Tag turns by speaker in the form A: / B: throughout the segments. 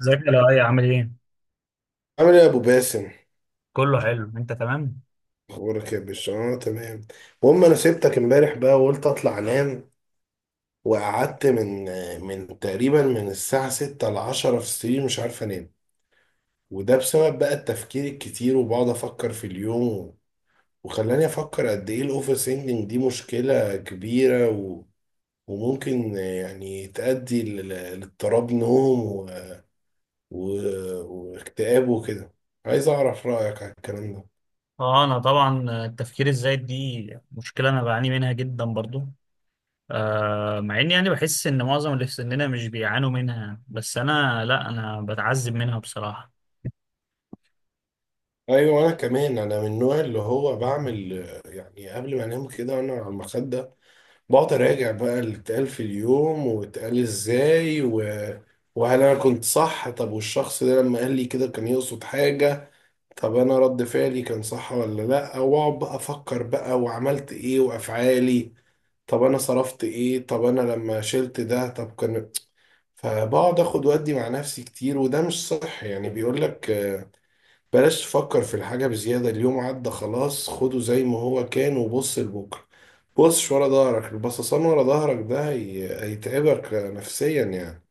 A: ازيك يا لؤي، عامل ايه؟
B: عامل ايه يا ابو باسم؟
A: كله حلو، انت تمام؟
B: اخبارك يا باشا؟ اه، تمام. المهم، انا سبتك امبارح بقى وقلت اطلع انام. وقعدت من تقريبا من الساعه 6 ل 10 في السرير مش عارف انام. وده بسبب بقى التفكير الكتير، وبقعد افكر في اليوم. وخلاني افكر قد ايه الاوفر سينجنج دي مشكله كبيره، وممكن يعني لاضطراب نوم، و... واكتئاب وكده. عايز اعرف رايك على الكلام ده.
A: اه انا طبعا التفكير الزايد دي مشكله، انا بعاني منها جدا برضو. مع اني يعني بحس ان معظم اللي في سننا مش بيعانوا منها، بس انا لا، انا بتعذب منها بصراحه.
B: ايوه، انا كمان انا من النوع اللي هو بعمل يعني قبل ما انام كده انا على المخده بقعد اراجع بقى اللي اتقال في اليوم واتقال ازاي، وهل انا كنت صح؟ طب والشخص ده لما قال لي كده كان يقصد حاجه؟ طب انا رد فعلي كان صح ولا لا؟ واقعد بقى افكر بقى، وعملت ايه وافعالي؟ طب انا صرفت ايه؟ طب انا لما شلت ده؟ طب كان، فبقعد اخد ودي مع نفسي كتير. وده مش صح، يعني بيقول لك بلاش تفكر في الحاجة بزيادة، اليوم عدى خلاص، خده زي ما هو كان وبص لبكرة. بصش ورا ظهرك، البصصان ورا ظهرك ده هيتعبك نفسيا يعني.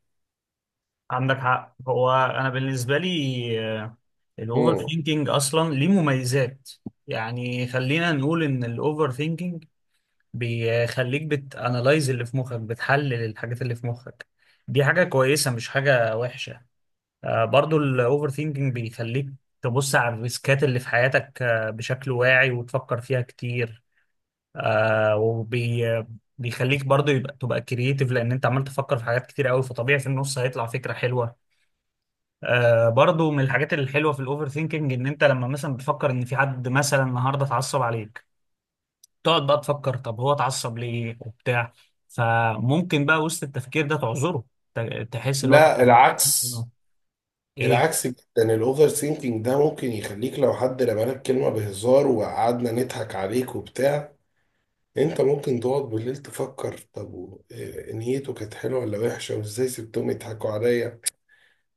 A: عندك حق، هو انا بالنسبه لي الاوفر
B: امم
A: ثينكينج اصلا ليه مميزات. يعني خلينا نقول ان الاوفر ثينكينج بيخليك بتانالايز اللي في مخك، بتحلل الحاجات اللي في مخك. دي حاجه كويسه، مش حاجه وحشه. برضو الاوفر ثينكينج بيخليك تبص على الريسكات اللي في حياتك بشكل واعي وتفكر فيها كتير. آه، وبي بيخليك برضو يبقى تبقى كرييتيف، لان انت عمال تفكر في حاجات كتير قوي، فطبيعي في النص هيطلع فكرة حلوة. برضو من الحاجات الحلوة في الاوفر ثينكينج ان انت لما مثلا بتفكر ان في حد مثلا النهارده اتعصب عليك، تقعد بقى تفكر طب هو اتعصب ليه وبتاع، فممكن بقى وسط التفكير ده تعذره. تحس اللي هو
B: لا، العكس.
A: ايه.
B: العكس جدا. الاوفر ثينكينج ده ممكن يخليك لو حد رمالك كلمة بهزار وقعدنا نضحك عليك وبتاع، انت ممكن تقعد بالليل تفكر، إيه نيته؟ كانت حلوة ولا وحشة؟ وازاي سبتهم يضحكوا عليا؟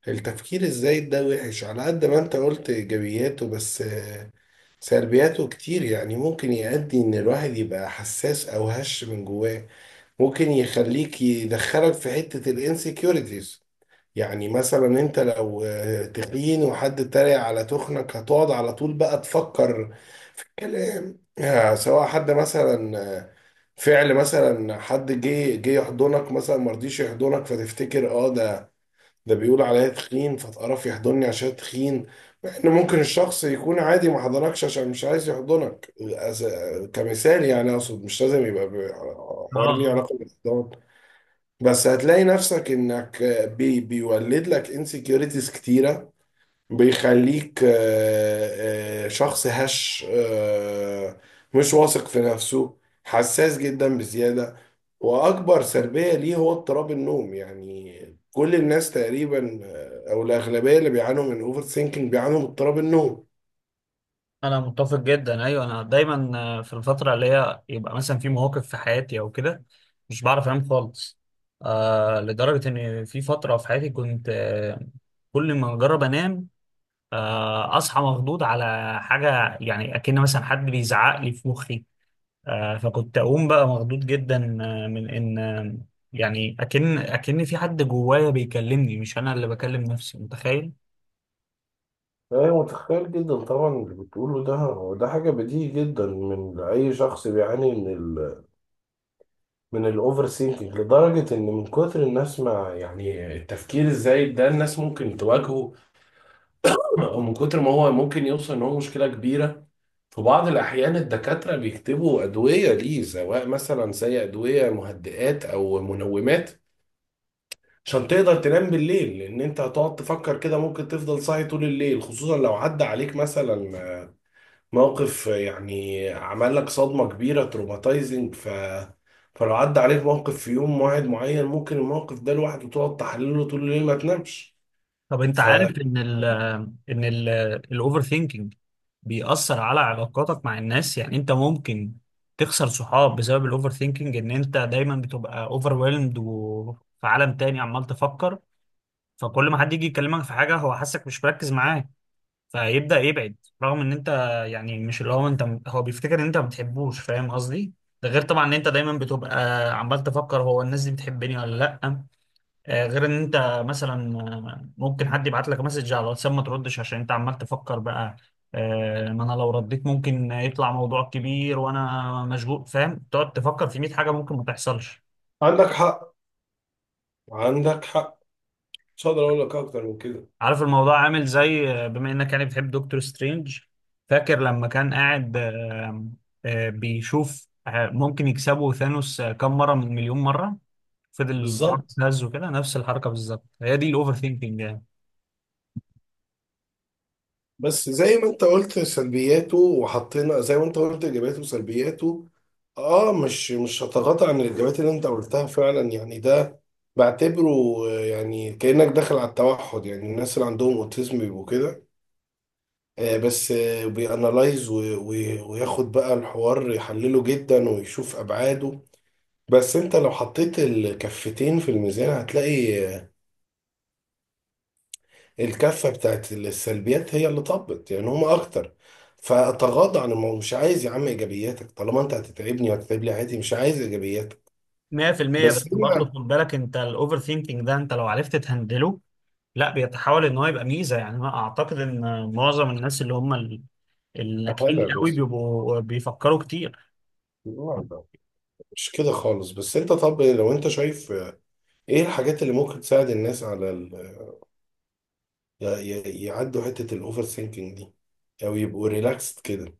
B: التفكير الزايد ده وحش. على قد ما انت قلت ايجابياته، بس سلبياته كتير. يعني ممكن يؤدي ان الواحد يبقى حساس او هش من جواه. ممكن يخليك يدخلك في حتة الانسكيورتيز. يعني مثلا انت لو تخين وحد اتريق على تخنك هتقعد على طول بقى تفكر في الكلام. سواء حد مثلا فعل مثلا، حد جه يحضنك مثلا مرضيش يحضنك، فتفتكر اه، ده بيقول عليا تخين فتقرف يحضني عشان تخين. مع ان ممكن الشخص يكون عادي ما حضنكش عشان مش عايز يحضنك. كمثال يعني، اقصد مش لازم يبقى
A: اه
B: حوار ليه
A: آه.
B: علاقة بالاحضان. بس هتلاقي نفسك انك بيولد لك انسكيورتيز كتيرة، بيخليك شخص هش، مش واثق في نفسه، حساس جدا بزيادة. وأكبر سلبية ليه هو اضطراب النوم. يعني كل الناس تقريبا، أو الأغلبية اللي بيعانوا من أوفر ثينكينج بيعانوا من اضطراب النوم.
A: انا متفق جدا، ايوه انا دايما في الفتره اللي هي يبقى مثلا في مواقف في حياتي او كده مش بعرف انام خالص. لدرجه ان في فتره في حياتي كنت، كل ما اجرب انام اصحى مخضوض على حاجه، يعني اكن مثلا حد بيزعق لي في مخي. فكنت اقوم بقى مخضوض جدا آه، من ان آه، يعني اكن في حد جوايا بيكلمني، مش انا اللي بكلم نفسي، متخيل.
B: أيوة، متخيل جدا طبعا. اللي بتقوله ده هو ده حاجة بديهي جدا من أي شخص بيعاني من من الأوفر سينكينج. لدرجة إن من كتر الناس ما يعني التفكير الزايد ده الناس ممكن تواجهه، من كتر ما هو ممكن يوصل ان هو مشكله كبيره. في بعض الاحيان الدكاتره بيكتبوا ادويه ليه، سواء مثلا زي ادويه مهدئات او منومات، عشان تقدر تنام بالليل، لان انت هتقعد تفكر كده ممكن تفضل صاحي طول الليل. خصوصا لو عدى عليك مثلا موقف يعني عمل لك صدمه كبيره تروماتايزنج، فلو عدى عليك موقف في يوم واحد معين، ممكن الموقف ده لوحده تقعد تحلله طول الليل ما تنامش.
A: طب انت
B: ف
A: عارف ان ال ان ال الاوفر ثينكينج بيأثر على علاقاتك مع الناس. يعني انت ممكن تخسر صحاب بسبب الاوفر ثينكينج، ان انت دايما بتبقى اوفرويلمد وفي عالم تاني عمال تفكر. فكل ما حد يجي يكلمك في حاجة هو حاسك مش مركز معاه، فيبدأ يبعد، رغم ان انت يعني مش اللي هو انت، هو بيفتكر ان انت ما بتحبوش، فاهم قصدي. ده غير طبعا ان انت دايما بتبقى عمال تفكر هو الناس دي بتحبني ولا لا. غير ان انت مثلا، ممكن حد يبعت لك مسج على الواتساب ما تردش عشان انت عمال تفكر بقى. ما انا لو رديت ممكن يطلع موضوع كبير وانا مشغول، فاهم، تقعد تفكر في 100 حاجه ممكن ما تحصلش.
B: عندك حق. عندك حق. مش هقدر اقول لك اكتر من كده.
A: عارف الموضوع عامل زي، بما انك يعني بتحب دكتور سترينج، فاكر لما كان قاعد بيشوف ممكن يكسبوا ثانوس كم مره من مليون مره، فضل
B: بالظبط.
A: يهز وكده. نفس الحركه بالظبط، هي دي الاوفر ثينكينج.
B: بس زي ما انت قلت سلبياته وحطينا زي ما انت قلت ايجابياته وسلبياته، اه، مش مش هتغاضى عن الايجابيات اللي انت قلتها فعلا. يعني ده بعتبره يعني كانك داخل على التوحد. يعني الناس اللي عندهم اوتيزم بيبقوا كده، آه، بس آه بيانالايز وياخد بقى الحوار يحلله جدا ويشوف ابعاده. بس انت لو حطيت الكفتين في الميزان هتلاقي الكفة بتاعت السلبيات هي اللي طبت، يعني هما أكتر. فأتغاضى عن الموضوع، مش عايز يا عم إيجابياتك. طالما أنت هتتعبني وهتتعب لي، عادي، مش عايز إيجابياتك.
A: 100%. بس
B: بس
A: برضه
B: هي
A: خد بالك انت الاوفر ثينكينج ده انت لو عرفت تهندله، لا بيتحول ان هو يبقى ميزة. يعني انا اعتقد ان معظم الناس اللي هم الناجحين
B: حالة،
A: قوي
B: بس
A: بيبقوا بيفكروا كتير.
B: لا. لا، مش كده خالص. بس أنت طب لو أنت شايف إيه الحاجات اللي ممكن تساعد الناس على يعدوا حتة الأوفر ثينكينج دي، أو يبقوا ريلاكسد كده؟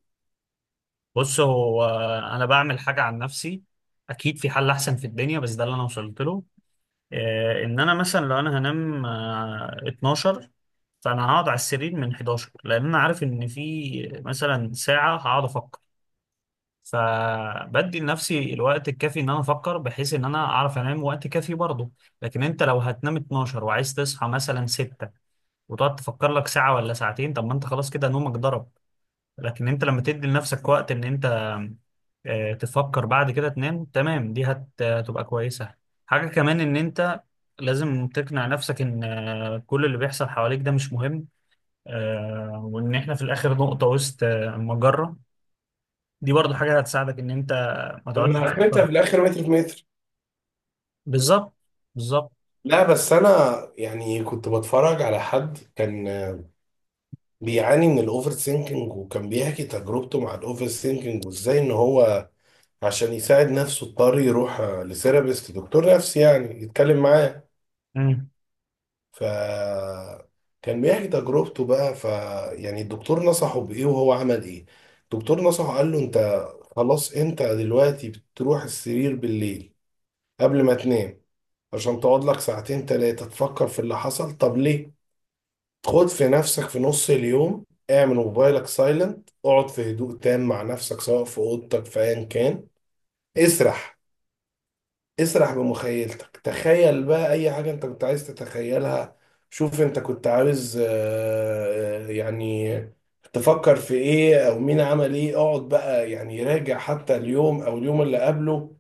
A: بص هو انا بعمل حاجة عن نفسي، اكيد في حل احسن في الدنيا بس ده اللي انا وصلت له. اه، ان انا مثلا لو انا هنام 12، فانا هقعد على السرير من 11، لان انا عارف ان في مثلا ساعة هقعد افكر. فبدي لنفسي الوقت الكافي ان انا افكر، بحيث ان انا اعرف انام وقت كافي برضه. لكن انت لو هتنام 12 وعايز تصحى مثلا 6، وتقعد تفكر لك ساعة ولا ساعتين، طب ما انت خلاص كده نومك ضرب. لكن انت لما تدي لنفسك وقت ان انت تفكر بعد كده تنام تمام، دي هتبقى كويسة. حاجة كمان ان انت لازم تقنع نفسك ان كل اللي بيحصل حواليك ده مش مهم. وان احنا في الاخر نقطة وسط مجرة. دي برضو حاجة هتساعدك إن أنت ما تقعدش
B: أنا
A: تفكر.
B: آخرتها في الآخر متر في متر.
A: بالظبط، بالظبط.
B: لا بس أنا يعني كنت بتفرج على حد كان بيعاني من الاوفر ثينكينج، وكان بيحكي تجربته مع الاوفر ثينكينج، وازاي ان هو عشان يساعد نفسه اضطر يروح لثيرابيست، دكتور نفسي يعني يتكلم معاه.
A: مم.
B: ف كان بيحكي تجربته بقى، يعني الدكتور نصحه بايه وهو عمل ايه. الدكتور نصحه قال له، انت خلاص انت دلوقتي بتروح السرير بالليل قبل ما تنام عشان تقعد لك ساعتين تلاتة تفكر في اللي حصل، طب ليه؟ خد في نفسك في نص اليوم، اعمل موبايلك سايلنت، اقعد في هدوء تام مع نفسك سواء في اوضتك في ايا كان، اسرح. اسرح بمخيلتك، تخيل بقى اي حاجة انت كنت عايز تتخيلها. شوف انت كنت عاوز يعني تفكر في ايه، او مين عمل ايه. اقعد بقى يعني راجع حتى اليوم او اليوم اللي قبله،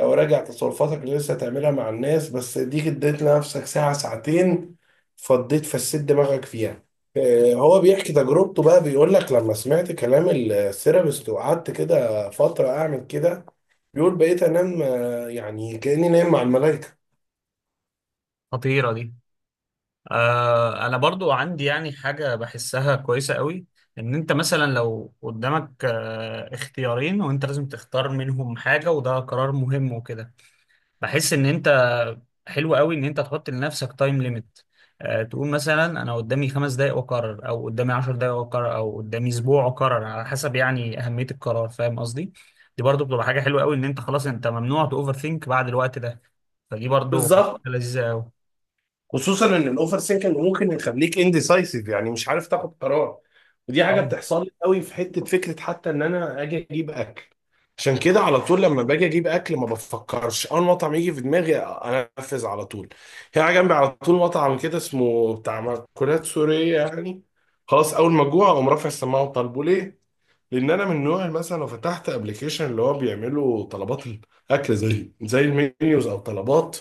B: لو راجع تصرفاتك اللي لسه هتعملها مع الناس، بس دي اديت لنفسك ساعة ساعتين فضيت فسيت دماغك فيها. هو بيحكي تجربته بقى بيقول لك، لما سمعت كلام الثيرابيست وقعدت كده فترة أعمل كده، بيقول بقيت أنام يعني كأني نايم مع الملائكة.
A: خطيرة دي. أنا برضو عندي يعني حاجة بحسها كويسة قوي، إن أنت مثلا لو قدامك اختيارين وأنت لازم تختار منهم حاجة وده قرار مهم وكده، بحس ان انت حلو قوي ان انت تحط لنفسك تايم ليميت. تقول مثلا انا قدامي 5 دقايق واقرر، او قدامي 10 دقايق واقرر، او قدامي اسبوع واقرر، على حسب يعني اهمية القرار، فاهم قصدي. دي برضو بتبقى حاجة حلوة قوي، ان انت خلاص انت ممنوع تأوفر ثينك بعد الوقت ده. فدي برضو
B: بالظبط.
A: حاجة لذيذة قوي.
B: خصوصا ان الاوفر سينكينج ممكن يخليك انديسايسيف، يعني مش عارف تاخد قرار. ودي حاجه
A: طبعا.
B: بتحصل لي قوي في حته فكره حتى ان انا اجي اجيب اكل. عشان كده على طول لما باجي اجيب اكل ما بفكرش، اول مطعم يجي في دماغي انفذ على طول. هنا جنبي على طول مطعم كده اسمه بتاع مأكولات سوريه يعني، خلاص اول ما جوع اقوم رافع السماعه وطالبه. ليه؟ لان انا من نوع مثلا لو فتحت ابلكيشن اللي هو بيعملوا طلبات الاكل زي المنيوز او طلبات،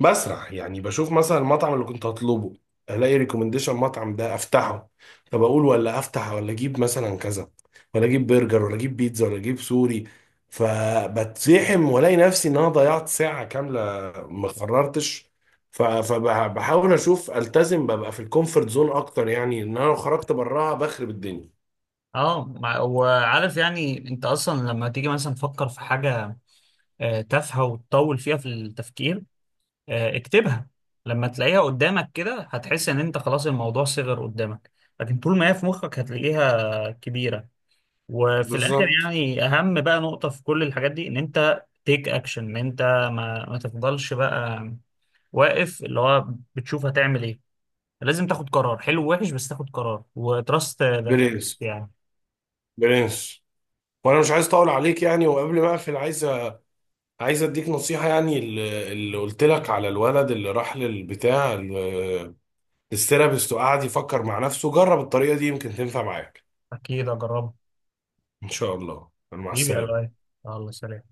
B: بسرح، يعني بشوف مثلا المطعم اللي كنت هطلبه، الاقي ريكومنديشن المطعم ده افتحه. طب اقول ولا افتح؟ ولا اجيب مثلا كذا؟ ولا اجيب برجر ولا اجيب بيتزا ولا اجيب سوري؟ فبتزحم والاقي نفسي ان انا ضيعت ساعة كاملة ما قررتش. فبحاول اشوف التزم ببقى في الكومفورت زون اكتر، يعني ان انا لو خرجت براها بخرب الدنيا.
A: وعارف يعني انت اصلا لما تيجي مثلا تفكر في حاجة تافهة وتطول فيها في التفكير، اكتبها. لما تلاقيها قدامك كده هتحس ان انت خلاص الموضوع صغر قدامك، لكن طول ما هي في مخك هتلاقيها كبيرة. وفي الاخر
B: بالظبط.
A: يعني اهم بقى نقطة في كل الحاجات دي ان انت تيك اكشن، ان انت ما تفضلش بقى واقف اللي هو بتشوف هتعمل ايه. لازم تاخد قرار حلو ووحش، بس تاخد قرار وتراست ده
B: برنس.
A: يعني.
B: برنس. وانا مش عايز اطول عليك يعني، وقبل ما اقفل عايز عايز اديك نصيحة، يعني اللي قلت لك على الولد اللي راح الثيرابيست وقعد يفكر مع نفسه، جرب الطريقة دي يمكن تنفع معاك.
A: اكيد اجربه.
B: ان شاء الله. مع
A: حبيبي يا لؤي،
B: السلامة.
A: الله سلام.